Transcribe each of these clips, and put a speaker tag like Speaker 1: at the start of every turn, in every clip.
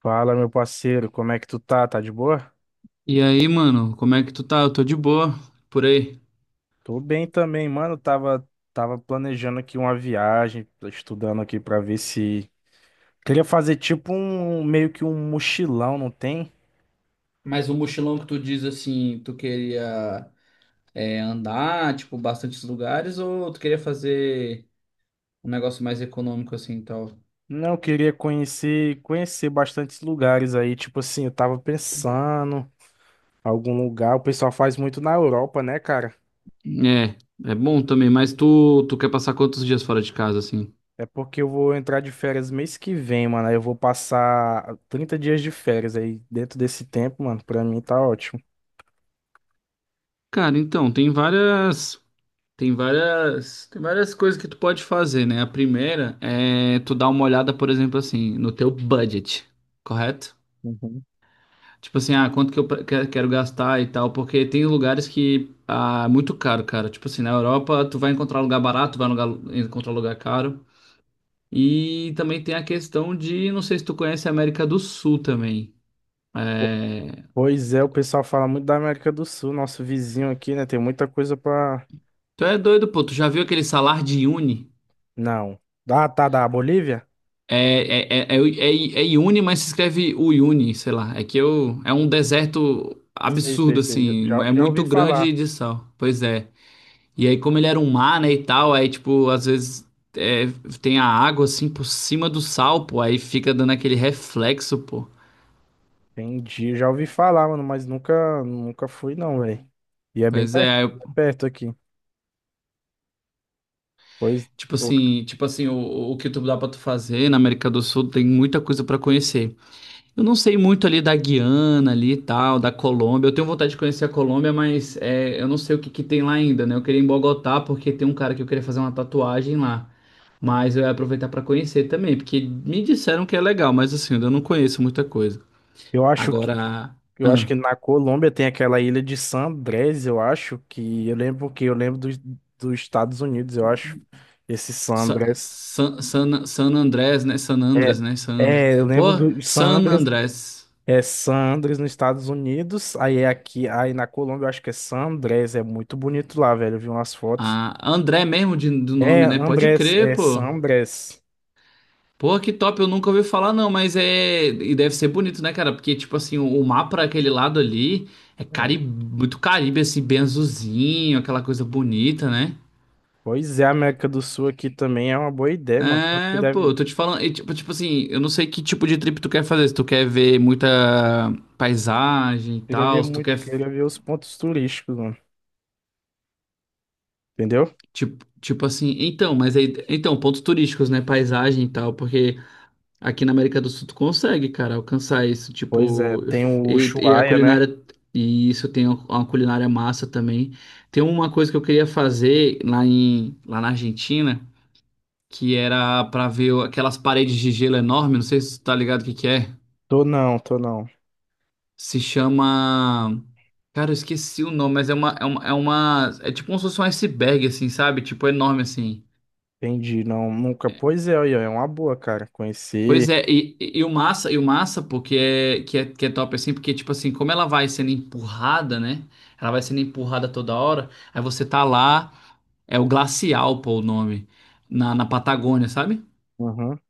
Speaker 1: Fala, meu parceiro, como é que tu tá? Tá de boa?
Speaker 2: E aí, mano, como é que tu tá? Eu tô de boa por aí.
Speaker 1: Tô bem também, mano. Tava planejando aqui uma viagem, tô estudando aqui pra ver se. Queria fazer tipo um meio que um mochilão, não tem?
Speaker 2: Mas o mochilão que tu diz assim, tu queria andar, tipo, bastantes lugares, ou tu queria fazer um negócio mais econômico assim e tal?
Speaker 1: Não, eu queria conhecer bastantes lugares aí. Tipo assim, eu tava pensando algum lugar. O pessoal faz muito na Europa, né, cara?
Speaker 2: É, é bom também, mas tu quer passar quantos dias fora de casa, assim?
Speaker 1: É porque eu vou entrar de férias mês que vem, mano. Aí eu vou passar 30 dias de férias aí. Dentro desse tempo, mano, pra mim tá ótimo.
Speaker 2: Cara, então, tem várias coisas que tu pode fazer, né? A primeira é tu dar uma olhada, por exemplo, assim, no teu budget, correto?
Speaker 1: Uhum.
Speaker 2: Tipo assim, ah, quanto que eu pre- que- quero gastar e tal, porque tem lugares que ah, é muito caro, cara. Tipo assim, na Europa tu vai encontrar lugar barato, encontrar lugar caro. E também tem a questão de, não sei se tu conhece a América do Sul também. É...
Speaker 1: Pois é, o pessoal fala muito da América do Sul, nosso vizinho aqui, né? Tem muita coisa pra.
Speaker 2: Tu é doido, pô, tu já viu aquele salar de Uni?
Speaker 1: Não. Ah, tá, da Bolívia?
Speaker 2: É Iune, mas se escreve Uyuni, sei lá. É que eu, é um deserto
Speaker 1: Sei, sei,
Speaker 2: absurdo,
Speaker 1: sei. Já,
Speaker 2: assim,
Speaker 1: já
Speaker 2: é
Speaker 1: já ouvi
Speaker 2: muito
Speaker 1: falar.
Speaker 2: grande de sal. Pois é. E aí, como ele era um mar, né, e tal, aí, tipo, às vezes é, tem a água, assim, por cima do sal, pô, aí fica dando aquele reflexo, pô.
Speaker 1: Entendi, já ouvi falar, mano, mas nunca fui, não, velho. E é bem
Speaker 2: Pois é,
Speaker 1: perto, é perto aqui. Pois
Speaker 2: tipo
Speaker 1: eu
Speaker 2: assim, tipo assim, o que tu dá pra tu fazer na América do Sul tem muita coisa pra conhecer. Eu não sei muito ali da Guiana ali e tal, da Colômbia. Eu tenho vontade de conhecer a Colômbia, mas é, eu não sei o que que tem lá ainda, né? Eu queria ir em Bogotá porque tem um cara que eu queria fazer uma tatuagem lá. Mas eu ia aproveitar pra conhecer também, porque me disseram que é legal, mas assim, eu ainda não conheço muita coisa.
Speaker 1: eu acho que.
Speaker 2: Agora,
Speaker 1: Eu acho
Speaker 2: ah,
Speaker 1: que na Colômbia tem aquela ilha de San Andrés, eu acho que eu lembro dos, dos Estados Unidos, eu acho. Esse San Andrés.
Speaker 2: San Andrés, né?
Speaker 1: É,
Speaker 2: San Andrés.
Speaker 1: é, eu
Speaker 2: Pô,
Speaker 1: lembro do San
Speaker 2: San
Speaker 1: Andrés.
Speaker 2: Andrés.
Speaker 1: É San Andrés nos Estados Unidos, aí é aqui, aí na Colômbia eu acho que é San Andrés, é muito bonito lá, velho, eu vi umas fotos.
Speaker 2: Ah, André mesmo do
Speaker 1: É,
Speaker 2: nome, né? Pode
Speaker 1: Andrés,
Speaker 2: crer,
Speaker 1: é
Speaker 2: pô.
Speaker 1: San Andrés.
Speaker 2: Pô, que top, eu nunca ouvi falar não, mas é... E deve ser bonito, né, cara? Porque, tipo assim, o mar pra aquele lado ali
Speaker 1: É.
Speaker 2: muito Caribe, assim, bem azulzinho, aquela coisa bonita, né?
Speaker 1: Pois é, a América do Sul aqui também é uma boa ideia, mano, tanto que
Speaker 2: É,
Speaker 1: deve,
Speaker 2: pô, eu tô te falando, e, tipo, tipo assim, eu não sei que tipo de trip tu quer fazer, se tu quer ver muita paisagem e
Speaker 1: queria ver
Speaker 2: tal, se tu
Speaker 1: muito,
Speaker 2: quer.
Speaker 1: queria ver os pontos turísticos, mano, entendeu?
Speaker 2: Tipo, tipo assim, então, mas aí, então, pontos turísticos, né? Paisagem e tal, porque aqui na América do Sul tu consegue, cara, alcançar isso,
Speaker 1: Pois é,
Speaker 2: tipo,
Speaker 1: tem o
Speaker 2: e a
Speaker 1: Ushuaia, né?
Speaker 2: culinária, e isso tem uma culinária massa também. Tem uma coisa que eu queria fazer lá na Argentina, que era pra ver aquelas paredes de gelo enorme, não sei se tu tá ligado o que que é.
Speaker 1: Tô não, tô não.
Speaker 2: Se chama. Cara, eu esqueci o nome, mas é tipo como se fosse um iceberg, assim, sabe? Tipo, enorme, assim.
Speaker 1: Entendi, não, nunca, pois é, aí, ó, é uma boa, cara,
Speaker 2: Pois
Speaker 1: conhecer,
Speaker 2: é, e o massa, pô, que é top assim, porque, tipo assim, como ela vai sendo empurrada, né? Ela vai sendo empurrada toda hora, aí você tá lá, é o Glacial, pô, o nome, na Patagônia, sabe?
Speaker 1: aham,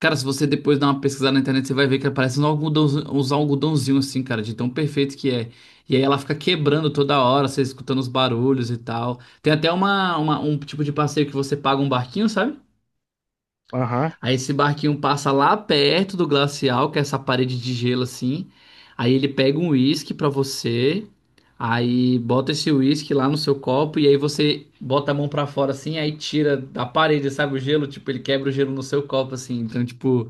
Speaker 2: Cara, se você depois dar uma pesquisada na internet, você vai ver que parece um algodão, uns algodãozinho assim, cara, de tão perfeito que é. E aí ela fica quebrando toda hora, você escutando os barulhos e tal. Tem até um tipo de passeio que você paga um barquinho, sabe?
Speaker 1: aham.
Speaker 2: Aí esse barquinho passa lá perto do glacial, que é essa parede de gelo assim. Aí ele pega um uísque pra você. Aí bota esse uísque lá no seu copo e aí você bota a mão pra fora assim, aí tira da parede, sabe, o gelo, tipo, ele quebra o gelo no seu copo assim. Então, tipo,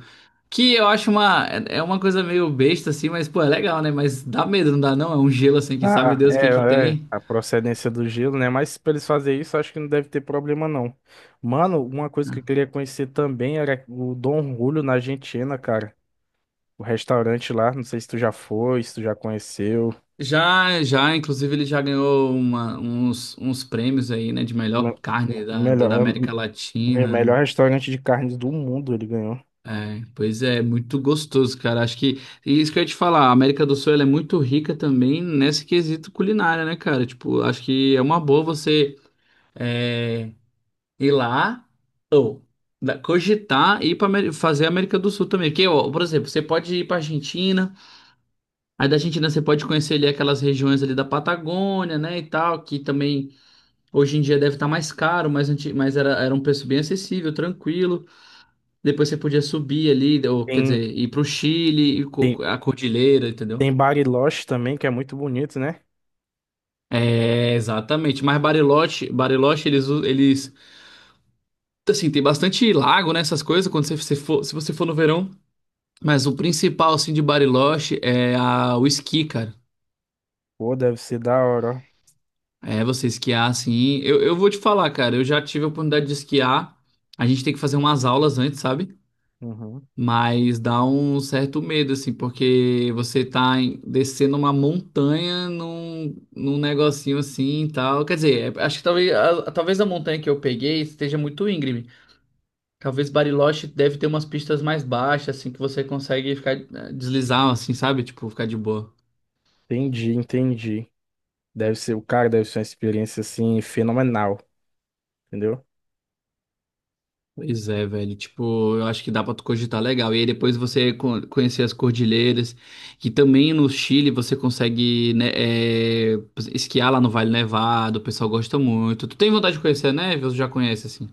Speaker 2: que eu acho uma é uma coisa meio besta assim, mas pô, é legal, né? Mas dá medo, não dá não? É um gelo assim que sabe
Speaker 1: Ah,
Speaker 2: Deus o que que
Speaker 1: é, é,
Speaker 2: tem.
Speaker 1: a procedência do gelo, né? Mas pra eles fazerem isso, acho que não deve ter problema, não. Mano, uma coisa que eu queria conhecer também era o Dom Julio na Argentina, cara. O restaurante lá, não sei se tu já foi, se tu já conheceu.
Speaker 2: Já, já, inclusive ele já ganhou uns prêmios aí, né, de melhor
Speaker 1: Me-
Speaker 2: carne
Speaker 1: Melhor,
Speaker 2: da América
Speaker 1: é o melhor
Speaker 2: Latina.
Speaker 1: restaurante de carnes do mundo, ele ganhou.
Speaker 2: É, pois é, muito gostoso, cara. Acho que e isso que eu ia te falar, a América do Sul ela é muito rica também nesse quesito culinária, né, cara? Tipo, acho que é uma boa você é, ir lá, cogitar e ir para fazer a América do Sul também. Porque, ó, por exemplo, você pode ir para Argentina, aí da Argentina você pode conhecer ali aquelas regiões ali da Patagônia, né, e tal, que também. Hoje em dia deve estar mais caro, mas, era, era um preço bem acessível, tranquilo. Depois você podia subir ali, ou, quer dizer,
Speaker 1: Tem,
Speaker 2: ir para o Chile, ir
Speaker 1: tem,
Speaker 2: co- a cordilheira, entendeu?
Speaker 1: tem Bariloche também, que é muito bonito, né?
Speaker 2: É, exatamente. Mas Bariloche, eles, assim, tem bastante lago, né, essas coisas, quando você, você for, se você for no verão. Mas o principal, assim, de Bariloche é a, o esqui, cara.
Speaker 1: Pô, deve ser da hora,
Speaker 2: É, você esquiar, assim. Eu vou te falar, cara, eu já tive a oportunidade de esquiar. A gente tem que fazer umas aulas antes, sabe?
Speaker 1: ó. Uhum.
Speaker 2: Mas dá um certo medo, assim, porque descendo uma montanha num negocinho assim e tal. Quer dizer, é- acho que talvez a montanha que eu peguei esteja muito íngreme. Talvez Bariloche deve ter umas pistas mais baixas, assim, que você consegue ficar deslizar, assim, sabe? Tipo, ficar de boa.
Speaker 1: Entendi, entendi. Deve ser, o cara deve ser uma experiência, assim, fenomenal, entendeu?
Speaker 2: Pois é, velho. Tipo, eu acho que dá pra tu cogitar legal. E aí depois você conhecer as cordilheiras, que também no Chile você consegue, né, esquiar lá no Vale Nevado, o pessoal gosta muito. Tu tem vontade de conhecer a neve ou tu já conhece, assim?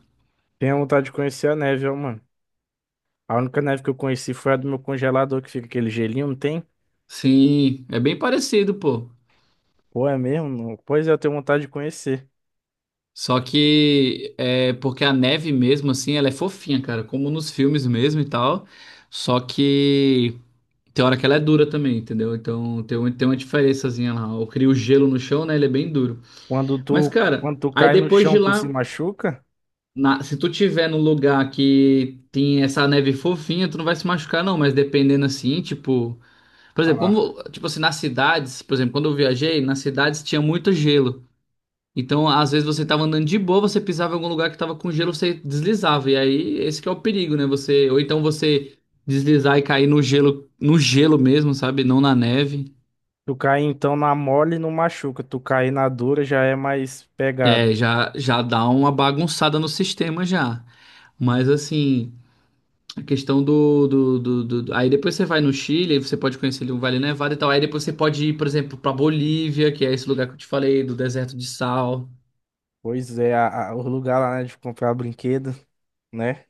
Speaker 1: Tenho vontade de conhecer a neve, ó, mano. A única neve que eu conheci foi a do meu congelador, que fica aquele gelinho, não tem?
Speaker 2: Sim, é bem parecido, pô.
Speaker 1: Pô, é mesmo? Não. Pois é, eu tenho vontade de conhecer.
Speaker 2: Só que é porque a neve mesmo, assim, ela é fofinha, cara, como nos filmes mesmo e tal. Só que tem hora que ela é dura também, entendeu? Então tem uma diferençazinha lá. Eu crio gelo no chão, né? Ele é bem duro.
Speaker 1: Quando
Speaker 2: Mas,
Speaker 1: tu,
Speaker 2: cara,
Speaker 1: quando tu
Speaker 2: aí
Speaker 1: cai no
Speaker 2: depois
Speaker 1: chão,
Speaker 2: de
Speaker 1: tu se
Speaker 2: lá,
Speaker 1: machuca?
Speaker 2: se tu tiver num lugar que tem essa neve fofinha, tu não vai se machucar, não. Mas dependendo assim, tipo. Por exemplo,
Speaker 1: Ah,
Speaker 2: como, tipo assim, nas cidades, por exemplo, quando eu viajei, nas cidades tinha muito gelo. Então, às vezes você tava andando de boa, você pisava em algum lugar que tava com gelo, você deslizava. E aí, esse que é o perigo, né? Você, ou então você deslizar e cair no gelo, no gelo mesmo, sabe? Não na neve.
Speaker 1: tu cai então na mole e não machuca. Tu cai na dura já é mais pegado.
Speaker 2: É, já, já dá uma bagunçada no sistema já. Mas assim. A questão Aí depois você vai no Chile, aí você pode conhecer ali um Vale Nevado e tal. Aí depois você pode ir, por exemplo, pra Bolívia, que é esse lugar que eu te falei, do deserto de sal.
Speaker 1: Pois é, o lugar lá, né, de comprar brinquedo, né?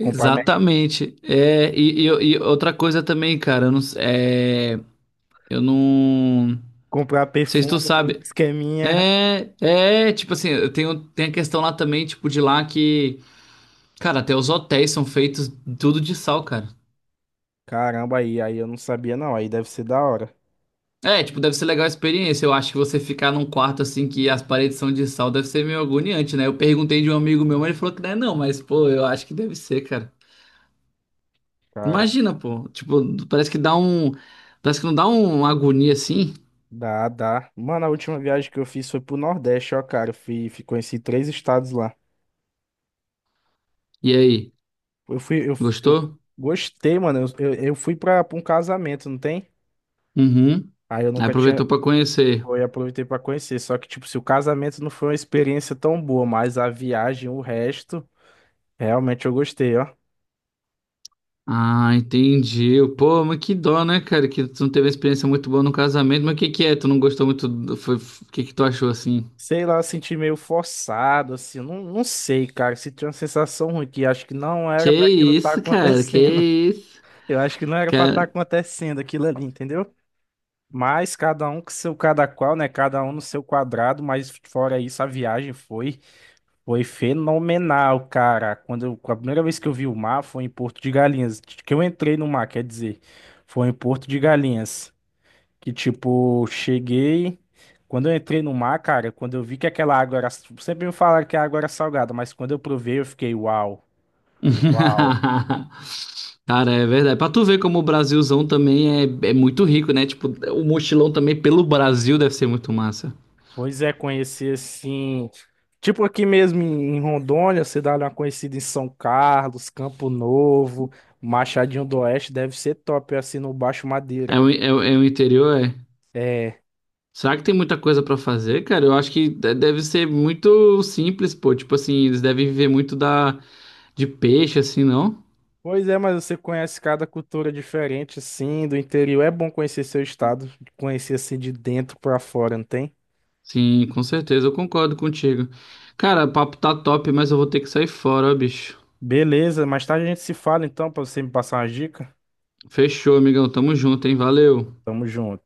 Speaker 1: Comprar, me-
Speaker 2: É, e outra coisa também, cara, eu não
Speaker 1: comprar
Speaker 2: sei se
Speaker 1: perfume,
Speaker 2: tu
Speaker 1: uns
Speaker 2: sabe.
Speaker 1: esqueminha.
Speaker 2: É, é, tipo assim, eu tenho, tem a questão lá também, tipo, de lá que, cara, até os hotéis são feitos tudo de sal, cara.
Speaker 1: Caramba, aí eu não sabia não. Aí deve ser da hora.
Speaker 2: É, tipo, deve ser legal a experiência. Eu acho que você ficar num quarto assim que as paredes são de sal deve ser meio agoniante, né? Eu perguntei de um amigo meu, mas ele falou que não é não, mas pô, eu acho que deve ser, cara.
Speaker 1: Cara.
Speaker 2: Imagina, pô. Tipo, parece que dá um. Parece que não dá uma agonia assim.
Speaker 1: Dá, dá. Mano, a última viagem que eu fiz foi pro Nordeste, ó, cara. Eu fui, fui conheci 3 estados lá.
Speaker 2: E aí,
Speaker 1: Eu fui, eu, eu
Speaker 2: gostou?
Speaker 1: gostei, mano. Eu fui pra um casamento, não tem?
Speaker 2: Uhum.
Speaker 1: Aí eu
Speaker 2: Aí
Speaker 1: nunca tinha.
Speaker 2: aproveitou pra conhecer.
Speaker 1: Eu aproveitei pra conhecer. Só que, tipo, se o casamento não foi uma experiência tão boa, mas a viagem, o resto, realmente eu gostei, ó.
Speaker 2: Ah, entendi. Pô, mas que dó, né, cara? Que tu não teve uma experiência muito boa no casamento. Mas o que que é? Tu não gostou muito? Foi... O que que tu achou assim?
Speaker 1: Sei lá, eu senti meio forçado, assim. Eu Não, não sei, cara. Senti uma sensação ruim que acho que não
Speaker 2: Que
Speaker 1: era pra aquilo estar
Speaker 2: isso, cara? Que
Speaker 1: acontecendo.
Speaker 2: isso?
Speaker 1: Eu acho que não era pra estar
Speaker 2: Cara.
Speaker 1: acontecendo aquilo ali, entendeu? Mas cada um com seu cada qual, né? Cada um no seu quadrado, mas fora isso, a viagem foi fenomenal, cara. A primeira vez que eu vi o mar foi em Porto de Galinhas, que eu entrei no mar, quer dizer, foi em Porto de Galinhas, que tipo, cheguei, quando eu entrei no mar, cara, quando eu vi que aquela água era, sempre me falaram que a água era salgada, mas quando eu provei, eu fiquei, uau, uau.
Speaker 2: Cara, é verdade. Pra tu ver como o Brasilzão também é, é muito rico, né? Tipo, o mochilão também pelo Brasil deve ser muito massa.
Speaker 1: Pois é, conhecer assim. Tipo aqui mesmo em Rondônia, você dá uma conhecida em São Carlos, Campo Novo, Machadinho do Oeste, deve ser top assim no Baixo Madeira.
Speaker 2: É o interior, é.
Speaker 1: É.
Speaker 2: Será que tem muita coisa pra fazer, cara? Eu acho que deve ser muito simples, pô. Tipo assim, eles devem viver muito da de peixe, assim, não?
Speaker 1: Pois é, mas você conhece cada cultura diferente assim, do interior. É bom conhecer seu estado, conhecer assim de dentro pra fora, não tem?
Speaker 2: Sim, com certeza, eu concordo contigo. Cara, o papo tá top, mas eu vou ter que sair fora, ó, bicho.
Speaker 1: Beleza, mais tarde a gente se fala então, pra você me passar uma dica.
Speaker 2: Fechou, amigão. Tamo junto, hein? Valeu.
Speaker 1: Tamo junto.